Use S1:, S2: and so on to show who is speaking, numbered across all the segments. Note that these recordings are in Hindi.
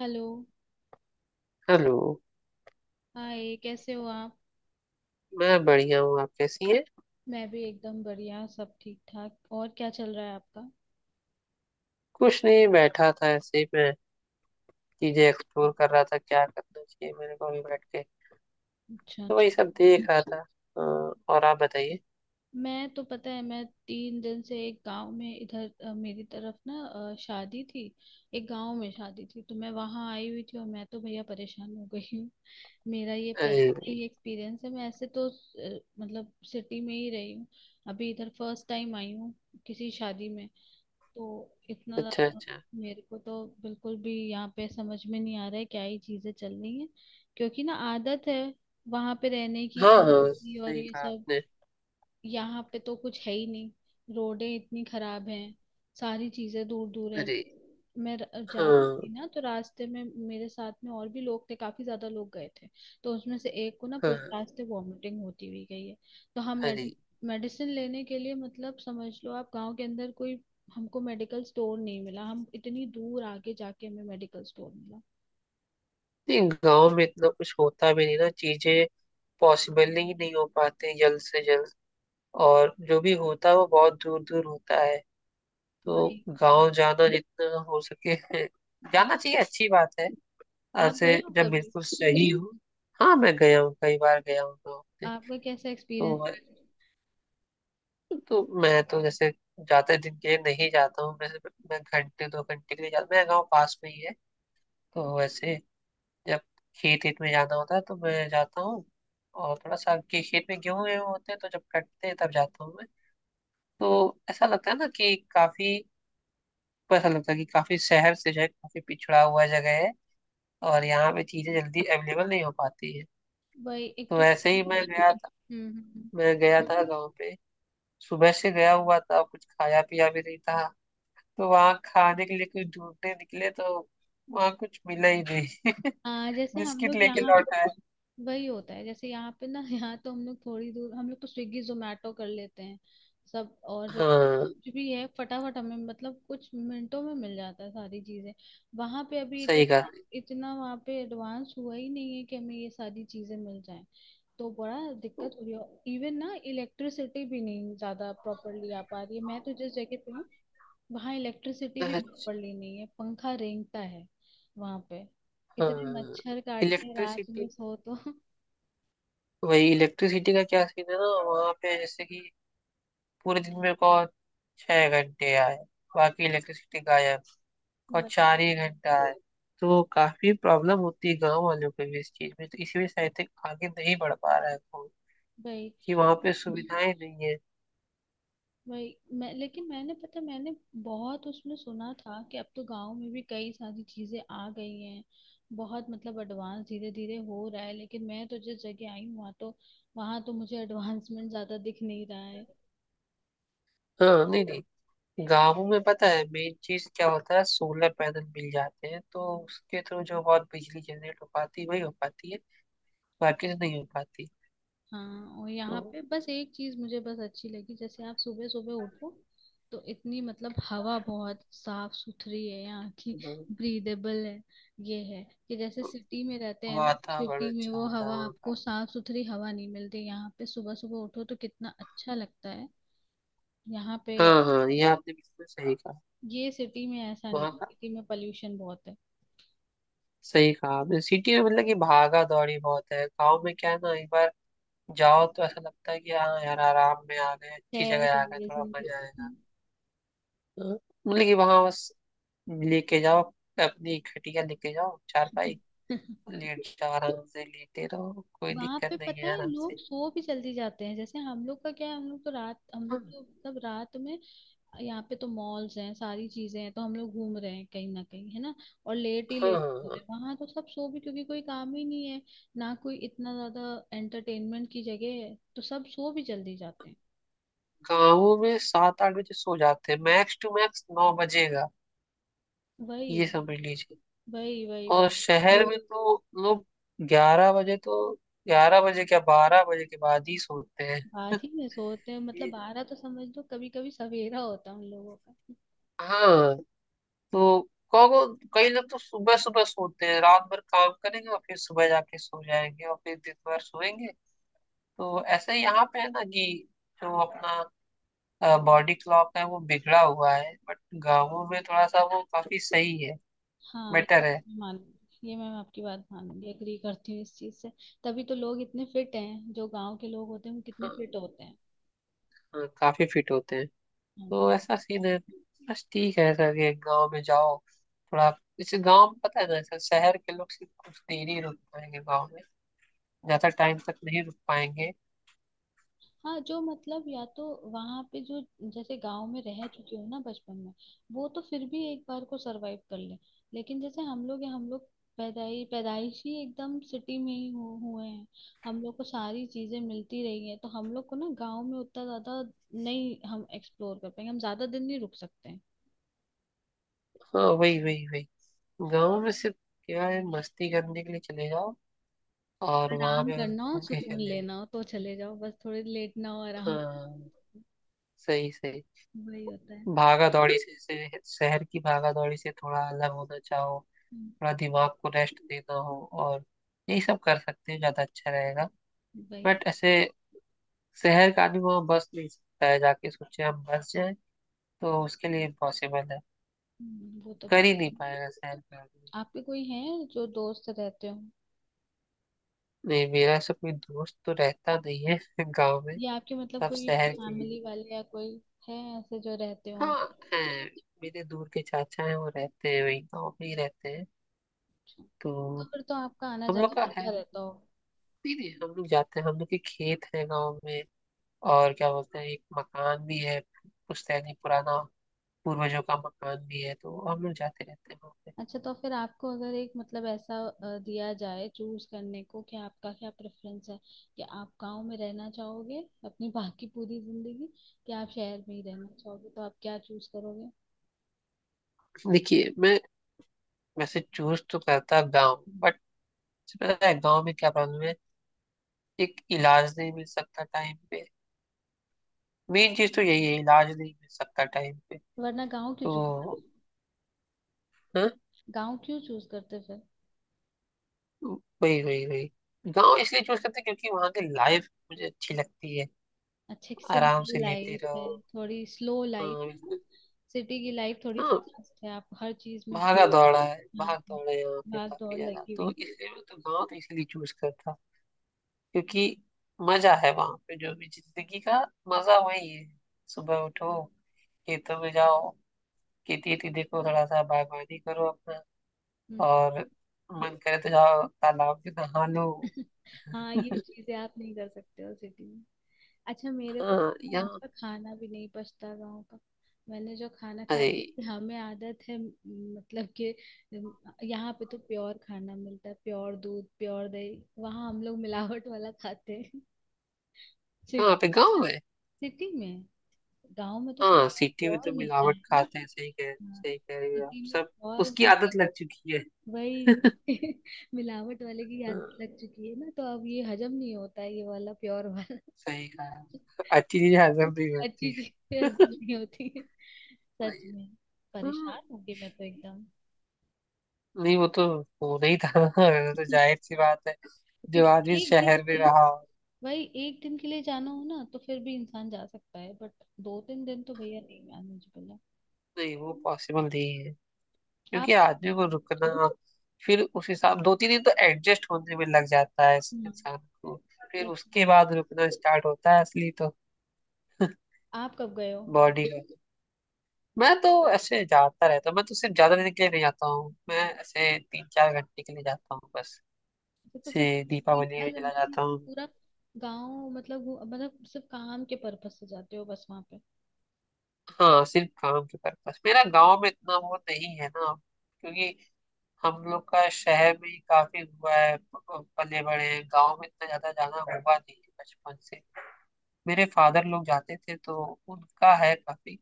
S1: हेलो।
S2: हेलो।
S1: हाय कैसे हो आप?
S2: मैं बढ़िया हूँ। आप कैसी हैं?
S1: मैं भी एकदम बढ़िया, सब ठीक ठाक, और क्या चल रहा है आपका?
S2: कुछ नहीं, बैठा था ऐसे ही मैं। चीजें एक्सप्लोर कर रहा था, क्या करना चाहिए मेरे को भी बैठ के।
S1: अच्छा
S2: तो वही
S1: अच्छा।
S2: सब देख रहा था। और आप बताइए।
S1: मैं तो पता है मैं तीन दिन से एक गांव में इधर मेरी तरफ ना शादी थी। एक गांव में शादी थी, तो मैं वहां आई हुई थी और मैं तो भैया परेशान हो गई हूँ। मेरा ये
S2: अरे
S1: पहला ही
S2: भाई।
S1: एक्सपीरियंस है, मैं ऐसे तो मतलब सिटी में ही रही हूँ, अभी इधर फर्स्ट टाइम आई हूँ किसी शादी में। तो इतना
S2: अच्छा,
S1: ज्यादा
S2: अच्छा।
S1: मेरे को तो बिल्कुल भी यहाँ पे समझ में नहीं आ रहा है क्या ही चीजें चल रही हैं, क्योंकि ना आदत है वहां पे रहने की।
S2: हाँ हाँ,
S1: और
S2: सही
S1: ये
S2: कहा
S1: सब
S2: आपने।
S1: यहाँ पे तो कुछ है ही नहीं, रोडें इतनी खराब हैं, सारी चीजें दूर दूर हैं।
S2: अरे।
S1: मैं जा रही
S2: हाँ
S1: थी ना, तो रास्ते में मेरे साथ में और भी लोग थे, काफी ज्यादा लोग गए थे, तो उसमें से एक को ना पूरे
S2: हाँ।
S1: रास्ते वॉमिटिंग होती हुई गई है। तो हम
S2: अरे।
S1: मेडिसिन लेने के लिए, मतलब समझ लो आप गांव के अंदर कोई हमको मेडिकल स्टोर नहीं मिला, हम इतनी दूर आगे जाके हमें मेडिकल स्टोर मिला।
S2: नहीं, गांव में इतना कुछ होता भी नहीं ना, चीजें पॉसिबल ही नहीं हो पाते जल्द से जल्द। और जो भी होता है वो बहुत दूर दूर होता है। तो
S1: वही।
S2: गांव जाना जितना हो सके जाना चाहिए, अच्छी बात है।
S1: आप
S2: ऐसे
S1: गए हो
S2: जब
S1: कभी?
S2: बिल्कुल सही हो। हाँ, मैं गया हूँ, कई बार गया हूँ गाँव में।
S1: आपका कैसा
S2: तो मैं-
S1: एक्सपीरियंस?
S2: तो मैं तो जैसे ज्यादा दिन के लिए नहीं जाता हूँ मैं। मैं घंटे 2 घंटे के लिए जाता हूँ। मेरा गाँव पास में ही है। तो वैसे, जब खेत खेत में जाना होता है तो मैं जाता हूँ। और थोड़ा सा के खेत में गेहूं वेहूं होते हैं तो जब कटते हैं तब जाता हूँ मैं। तो ऐसा लगता है ना कि काफी। ऐसा लगता है कि काफी शहर से जो है, काफी पिछड़ा हुआ जगह है। और यहाँ पे चीजें जल्दी अवेलेबल नहीं हो पाती है।
S1: वही एक
S2: तो
S1: तो
S2: ऐसे
S1: हम्म।
S2: ही मैं गया था।
S1: हम्म, हम्म।
S2: मैं गया था गाँव पे। सुबह से गया हुआ था, कुछ खाया पिया भी नहीं था। तो वहाँ खाने के लिए कुछ ढूंढने निकले तो वहाँ कुछ मिला ही नहीं,
S1: आ, जैसे हम
S2: बिस्किट
S1: लोग
S2: लेके
S1: यहाँ
S2: लौट आए।
S1: वही होता है, जैसे यहाँ पे ना यहाँ तो हम लोग थोड़ी दूर, हम लोग तो स्विगी जोमेटो कर लेते हैं सब, और
S2: हाँ,
S1: कुछ भी है फटाफट हमें, मतलब कुछ मिनटों में मिल जाता है सारी चीजें। वहां पे अभी
S2: सही कहा।
S1: इतना इतना वहां पे एडवांस हुआ ही नहीं है कि हमें ये सारी चीजें मिल जाएं, तो बड़ा दिक्कत हो रही है। इवन ना इलेक्ट्रिसिटी भी नहीं ज्यादा प्रॉपरली आ पा रही है, मैं तो जिस जगह पे हूँ वहाँ इलेक्ट्रिसिटी भी
S2: अच्छा।
S1: प्रॉपरली नहीं है, पंखा रेंगता है वहाँ पे, इतने
S2: हाँ।
S1: मच्छर काटते हैं रात में
S2: इलेक्ट्रिसिटी।
S1: सो तो
S2: वही, इलेक्ट्रिसिटी का क्या सीन है ना वहाँ पे, जैसे कि पूरे दिन मेरे को 6 घंटे आए, बाकी इलेक्ट्रिसिटी गायब। और
S1: भाई।
S2: 4 ही घंटा है। तो काफी प्रॉब्लम होती है गांव वालों को भी इस चीज में, तो इसी वजह से आई थिंक आगे नहीं बढ़ पा रहा है फोन,
S1: भाई।
S2: कि वहां पे सुविधाएं नहीं है।
S1: भाई मैं लेकिन मैंने बहुत उसमें सुना था कि अब तो गांव में भी कई सारी चीजें आ गई हैं, बहुत मतलब एडवांस धीरे धीरे हो रहा है, लेकिन मैं तो जिस जगह आई हूँ वहाँ तो मुझे एडवांसमेंट ज्यादा दिख नहीं रहा है।
S2: हाँ, नहीं नहीं। गांवों में पता है मेन चीज क्या होता है? सोलर पैनल मिल जाते हैं तो उसके थ्रू जो बहुत बिजली जनरेट हो पाती है वही हो पाती है। बाकी से नहीं हो पाती।
S1: हाँ, और
S2: तो
S1: यहाँ पे बस एक चीज मुझे बस अच्छी लगी, जैसे आप सुबह सुबह उठो तो इतनी मतलब हवा बहुत साफ सुथरी है यहाँ की,
S2: हाँ,
S1: ब्रीदेबल है। ये है कि जैसे सिटी में रहते हैं ना,
S2: वातावरण
S1: सिटी में
S2: अच्छा
S1: वो
S2: होता है
S1: हवा
S2: वहाँ
S1: आपको
S2: का।
S1: साफ सुथरी हवा नहीं मिलती, यहाँ पे सुबह सुबह उठो तो कितना अच्छा लगता है यहाँ पे।
S2: हाँ हाँ, ये आपने बिल्कुल सही कहा।
S1: ये सिटी में ऐसा नहीं,
S2: वहाँ का।
S1: सिटी में पॉल्यूशन बहुत है।
S2: सही कहा आपने। सिटी में मतलब कि भागा दौड़ी बहुत है, गाँव में क्या है ना, एक बार जाओ तो ऐसा लगता है कि हाँ यार, आराम में आ गए, अच्छी
S1: खैर
S2: जगह
S1: के
S2: आ गए,
S1: लिए
S2: थोड़ा
S1: जिंदगी।
S2: मजा आएगा। हाँ, मतलब कि वहां बस लेके जाओ, अपनी खटिया लेके जाओ, चारपाई लेट जाओ आराम से, लेटे रहो, कोई
S1: वहां
S2: दिक्कत
S1: पे
S2: नहीं
S1: पता
S2: है,
S1: है
S2: आराम से।
S1: लोग सो भी जल्दी जाते हैं, जैसे हम लोग का क्या है, हम लोग तो रात हम लोग
S2: हाँ
S1: तो तब रात में यहाँ पे तो मॉल्स हैं सारी चीजें हैं, तो हम लोग घूम रहे हैं कहीं ना कहीं है ना, और लेट ही लेट हो रहे
S2: हाँ।
S1: हैं, वहां तो सब सो भी, क्योंकि कोई काम ही नहीं है, ना कोई इतना ज्यादा एंटरटेनमेंट की जगह है, तो सब सो भी जल्दी जाते हैं।
S2: गाँवों में 7-8 बजे सो जाते हैं, मैक्स टू मैक्स 9 बजेगा,
S1: वही
S2: ये समझ लीजिए।
S1: वही वही
S2: और
S1: वही।
S2: शहर में तो लोग 11 बजे तो, 11 बजे क्या, 12 बजे के बाद ही सोते हैं।
S1: बात ही में सोते हैं, मतलब
S2: ये-
S1: बारह तो समझ लो, कभी कभी सवेरा होता है उन लोगों का।
S2: हाँ। तो कहो, कई लोग तो सुबह सुबह सोते हैं, रात भर काम करेंगे और फिर सुबह जाके सो जाएंगे और फिर दिन भर सोएंगे। तो ऐसे ही यहाँ पे है ना कि जो अपना बॉडी क्लॉक है वो बिगड़ा हुआ है, बट गाँवों में थोड़ा सा वो काफी सही है,
S1: हाँ ये
S2: बेटर
S1: तो
S2: है।
S1: मैं मानूंगी, ये मैं आपकी बात मानूंगी, एग्री करती हूँ इस चीज से। तभी तो लोग इतने फिट हैं, जो गांव के लोग होते हैं वो कितने
S2: हाँ,
S1: फिट होते हैं।
S2: हाँ, काफी फिट होते हैं।
S1: हम्म।
S2: तो ऐसा सीन है, बस ठीक है ऐसा कि गाँव में जाओ थोड़ा। जैसे गाँव में पता है ना, ऐसा शहर के लोग सिर्फ कुछ देर ही रुक पाएंगे गाँव में, ज्यादा टाइम तक नहीं रुक पाएंगे।
S1: हाँ जो मतलब या तो वहां पे जो, जैसे गांव में रह चुके हो ना बचपन में वो तो फिर भी एक बार को सरवाइव कर ले, लेकिन जैसे हम लोग पैदाई पैदाइश ही एकदम सिटी में ही हुए हैं, हम लोग को सारी चीजें मिलती रही हैं, तो हम लोग को ना गांव में उतना ज्यादा नहीं हम एक्सप्लोर कर पाएंगे, हम ज्यादा दिन नहीं रुक सकते हैं।
S2: हाँ, वही वही वही। गाँव में सिर्फ क्या है, मस्ती करने के लिए चले जाओ और वहां
S1: आराम
S2: पे बस
S1: करना हो
S2: घूम के
S1: सुकून
S2: चले जाओ।
S1: लेना हो तो चले जाओ, बस थोड़ी लेटना हो आराम,
S2: हाँ, सही सही।
S1: वही होता है।
S2: से शहर की भागा दौड़ी से थोड़ा अलग होना चाहो,
S1: हम्म,
S2: थोड़ा दिमाग को रेस्ट देना हो और यही सब कर सकते हैं, ज्यादा अच्छा रहेगा।
S1: वही।
S2: बट ऐसे शहर का आदमी वहाँ बस नहीं सकता है, जाके सोचे हम बस जाए, तो उसके लिए इम्पॉसिबल है,
S1: वो तो
S2: कर
S1: बात।
S2: ही नहीं पाएगा शहर का आदमी।
S1: आपके कोई हैं जो दोस्त रहते हो,
S2: नहीं, मेरा ऐसा कोई दोस्त तो रहता नहीं है गाँव में।
S1: या आपके मतलब
S2: सब
S1: कोई
S2: शहर के ही हैं।
S1: फैमिली वाले या कोई है ऐसे जो रहते हो?
S2: हाँ, है। मेरे दूर के चाचा हैं, वो रहते हैं वही गाँव में ही रहते हैं।
S1: अच्छा।
S2: तो
S1: तो फिर तो आपका आना
S2: हम लोग
S1: जाना
S2: का है
S1: होता
S2: नहीं।
S1: रहता हो?
S2: नहीं, हम लोग जाते हैं, हम लोग के खेत है गाँव में। और क्या बोलते हैं, एक मकान भी है, पुश्तैनी पुराना, पूर्वजों का मकान भी है, तो हम लोग जाते रहते हैं वहाँ।
S1: अच्छा, तो फिर आपको अगर एक मतलब ऐसा दिया जाए चूज करने को कि आपका क्या प्रेफरेंस है, कि आप गांव में रहना चाहोगे अपनी बाकी पूरी जिंदगी, कि आप शहर में ही रहना चाहोगे, तो आप क्या चूज करोगे?
S2: पे देखिए, मैं वैसे चूज तो करता गाँव, बट पता है गाँव में क्या प्रॉब्लम है? एक, इलाज नहीं मिल सकता टाइम पे। मेन चीज तो यही है, इलाज नहीं मिल सकता टाइम पे।
S1: वरना गांव क्यों चूज
S2: तो
S1: करते?
S2: हाँ?
S1: गांव क्यों चूज करते फिर?
S2: वही वही वही गाँव इसलिए चूज करते हैं क्योंकि वहाँ की लाइफ मुझे अच्छी लगती है।
S1: अच्छे की
S2: आराम
S1: सिंपल
S2: से लेटे
S1: लाइफ है,
S2: रहो।
S1: थोड़ी स्लो
S2: हाँ
S1: लाइफ है,
S2: बिल्कुल।
S1: सिटी की लाइफ थोड़ी
S2: हाँ,
S1: फास्ट है, आप हर चीज में भाग।
S2: भागा दौड़ा है,
S1: हाँ,
S2: भाग
S1: हाँ,
S2: दौड़ा है यहाँ पे
S1: भाग
S2: काफी
S1: दौड़
S2: ज्यादा,
S1: लगी
S2: तो
S1: हुई।
S2: इसलिए मैं तो गाँव तो इसलिए चूज करता। क्योंकि मजा है वहाँ पे, जो भी जिंदगी का मजा वही है। सुबह उठो, खेतों में जाओ, खेती वेती देखो, थोड़ा सा बागवानी करो अपना।
S1: हम्म।
S2: और मन करे तो जाओ तालाब में नहा लो।
S1: हाँ ये चीजें आप नहीं कर सकते हो सिटी में। अच्छा मेरे को
S2: हाँ।
S1: तो वहाँ
S2: यहाँ?
S1: का खाना भी नहीं पछता गाँव का, मैंने जो खाना
S2: अरे,
S1: खाया हमें आदत है मतलब कि यहाँ पे तो प्योर खाना मिलता है, प्योर दूध प्योर दही, वहाँ हम लोग मिलावट वाला खाते हैं सिट-
S2: कहाँ पे गाँव में?
S1: सिटी में, गांव में तो सब
S2: हाँ, सिटी में
S1: प्योर
S2: तो
S1: मिलता
S2: मिलावट
S1: है ना।
S2: खाते हैं।
S1: हाँ,
S2: सही कह रही हो आप
S1: सिटी में
S2: सब। उसकी आदत लग चुकी है।
S1: वही। मिलावट वाले की
S2: हाँ,
S1: आदत लग चुकी है ना, तो अब ये हजम नहीं होता है ये वाला प्योर वाला,
S2: सही कहा। अच्छी चीजें हजम नहीं
S1: अच्छी
S2: करती
S1: चीजें हजम
S2: है।
S1: नहीं होती है। सच
S2: वही-
S1: में
S2: हाँ,
S1: परेशान हो गई मैं तो एकदम,
S2: नहीं वो तो होना ही था ना, वो तो जाहिर सी बात है,
S1: क्योंकि
S2: जो आदमी
S1: एक दिन
S2: शहर
S1: के
S2: में
S1: लिए,
S2: रहा हो।
S1: भाई एक दिन के लिए जाना हो ना तो फिर भी इंसान जा सकता है, बट दो तीन दिन तो भैया नहीं मैनेजेबल है।
S2: नहीं वो पॉसिबल नहीं है, क्योंकि
S1: आप
S2: आदमी को रुकना, फिर उस हिसाब 2-3 दिन तो एडजस्ट होने में लग जाता है इस
S1: हम्म,
S2: इंसान को।
S1: सच
S2: फिर
S1: में।
S2: उसके बाद रुकना स्टार्ट होता है असली तो
S1: आप कब गए हो?
S2: बॉडी का। मैं तो ऐसे जाता रहता हूँ, मैं तो सिर्फ ज्यादा दिन के लिए नहीं जाता हूँ, मैं ऐसे 3-4 घंटे के लिए जाता हूँ बस,
S1: तो फिर
S2: से
S1: तीन
S2: दीपावली
S1: चार
S2: में चला
S1: घंटे में
S2: जाता
S1: आप
S2: हूँ।
S1: पूरा गांव मतलब मतलब सिर्फ काम के पर्पस से जाते हो बस वहां पे?
S2: हाँ, सिर्फ काम के पर्पस। मेरा गांव में इतना वो नहीं है ना, क्योंकि हम लोग का शहर में ही काफी हुआ है, पले बड़े हैं गांव में, इतना ज्यादा जाना हुआ नहीं है बचपन से। मेरे फादर लोग जाते थे तो उनका है काफी,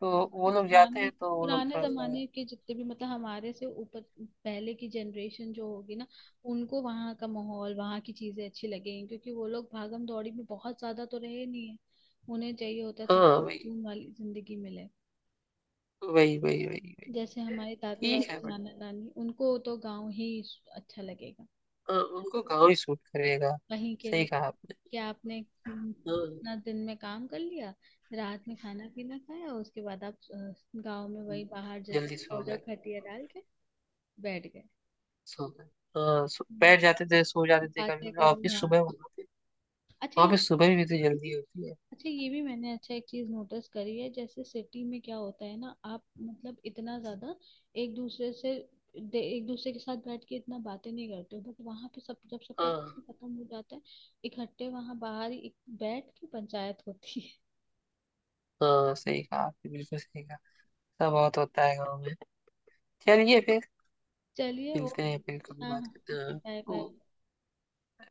S2: तो वो लोग जाते
S1: पुराने,
S2: हैं, तो वो लोग
S1: पुराने
S2: थोड़ा सा।
S1: जमाने के जितने भी मतलब हमारे से ऊपर पहले की जनरेशन जो होगी ना, उनको वहाँ का माहौल वहाँ की चीजें अच्छी लगेंगी, क्योंकि वो लोग भागम दौड़ी में बहुत ज्यादा तो रहे नहीं है, उन्हें चाहिए होता है थोड़ा
S2: हाँ, वही
S1: सुकून वाली जिंदगी मिले।
S2: वही वही वही वही,
S1: जैसे हमारे दादा
S2: ठीक है।
S1: दादी नाना नानी, उनको तो गांव ही अच्छा लगेगा,
S2: हाँ, उनको गाँव ही सूट करेगा।
S1: वहीं के
S2: सही
S1: लोग।
S2: कहा आपने।
S1: क्या आपने? हम्म,
S2: हाँ हाँ,
S1: अपना दिन में काम कर लिया, रात में खाना पीना खाया, उसके बाद आप गांव में वही बाहर जैसे
S2: जल्दी सो
S1: ऑर्डर
S2: गए,
S1: खटिया डाल के बैठ गए,
S2: सो गए। हाँ, बैठ जाते थे, सो जाते थे, कभी
S1: बातें
S2: कभी
S1: करो।
S2: ऑफिस
S1: हाँ।
S2: सुबह होती है।
S1: अच्छा यहाँ।
S2: ऑफिस सुबह भी तो जल्दी होती है।
S1: अच्छा ये भी मैंने, अच्छा एक चीज नोटिस करी है, जैसे सिटी में क्या होता है ना आप मतलब इतना ज्यादा एक दूसरे से एक दूसरे के साथ बैठ के इतना बातें नहीं करते हो, बट वहाँ पे सब जब सबका काम
S2: हाँ
S1: खत्म हो जाता है इकट्ठे वहाँ बाहर ही बैठ के पंचायत होती है।
S2: हाँ, सही कहा आपने, बिल्कुल सही कहा। सब बहुत होता है गाँव में। चलिए फिर,
S1: चलिए
S2: मिलते
S1: ओके।
S2: हैं फिर, कभी
S1: हाँ
S2: बात
S1: हाँ,
S2: करते हैं। हाँ।
S1: बाय
S2: ओ-
S1: बाय।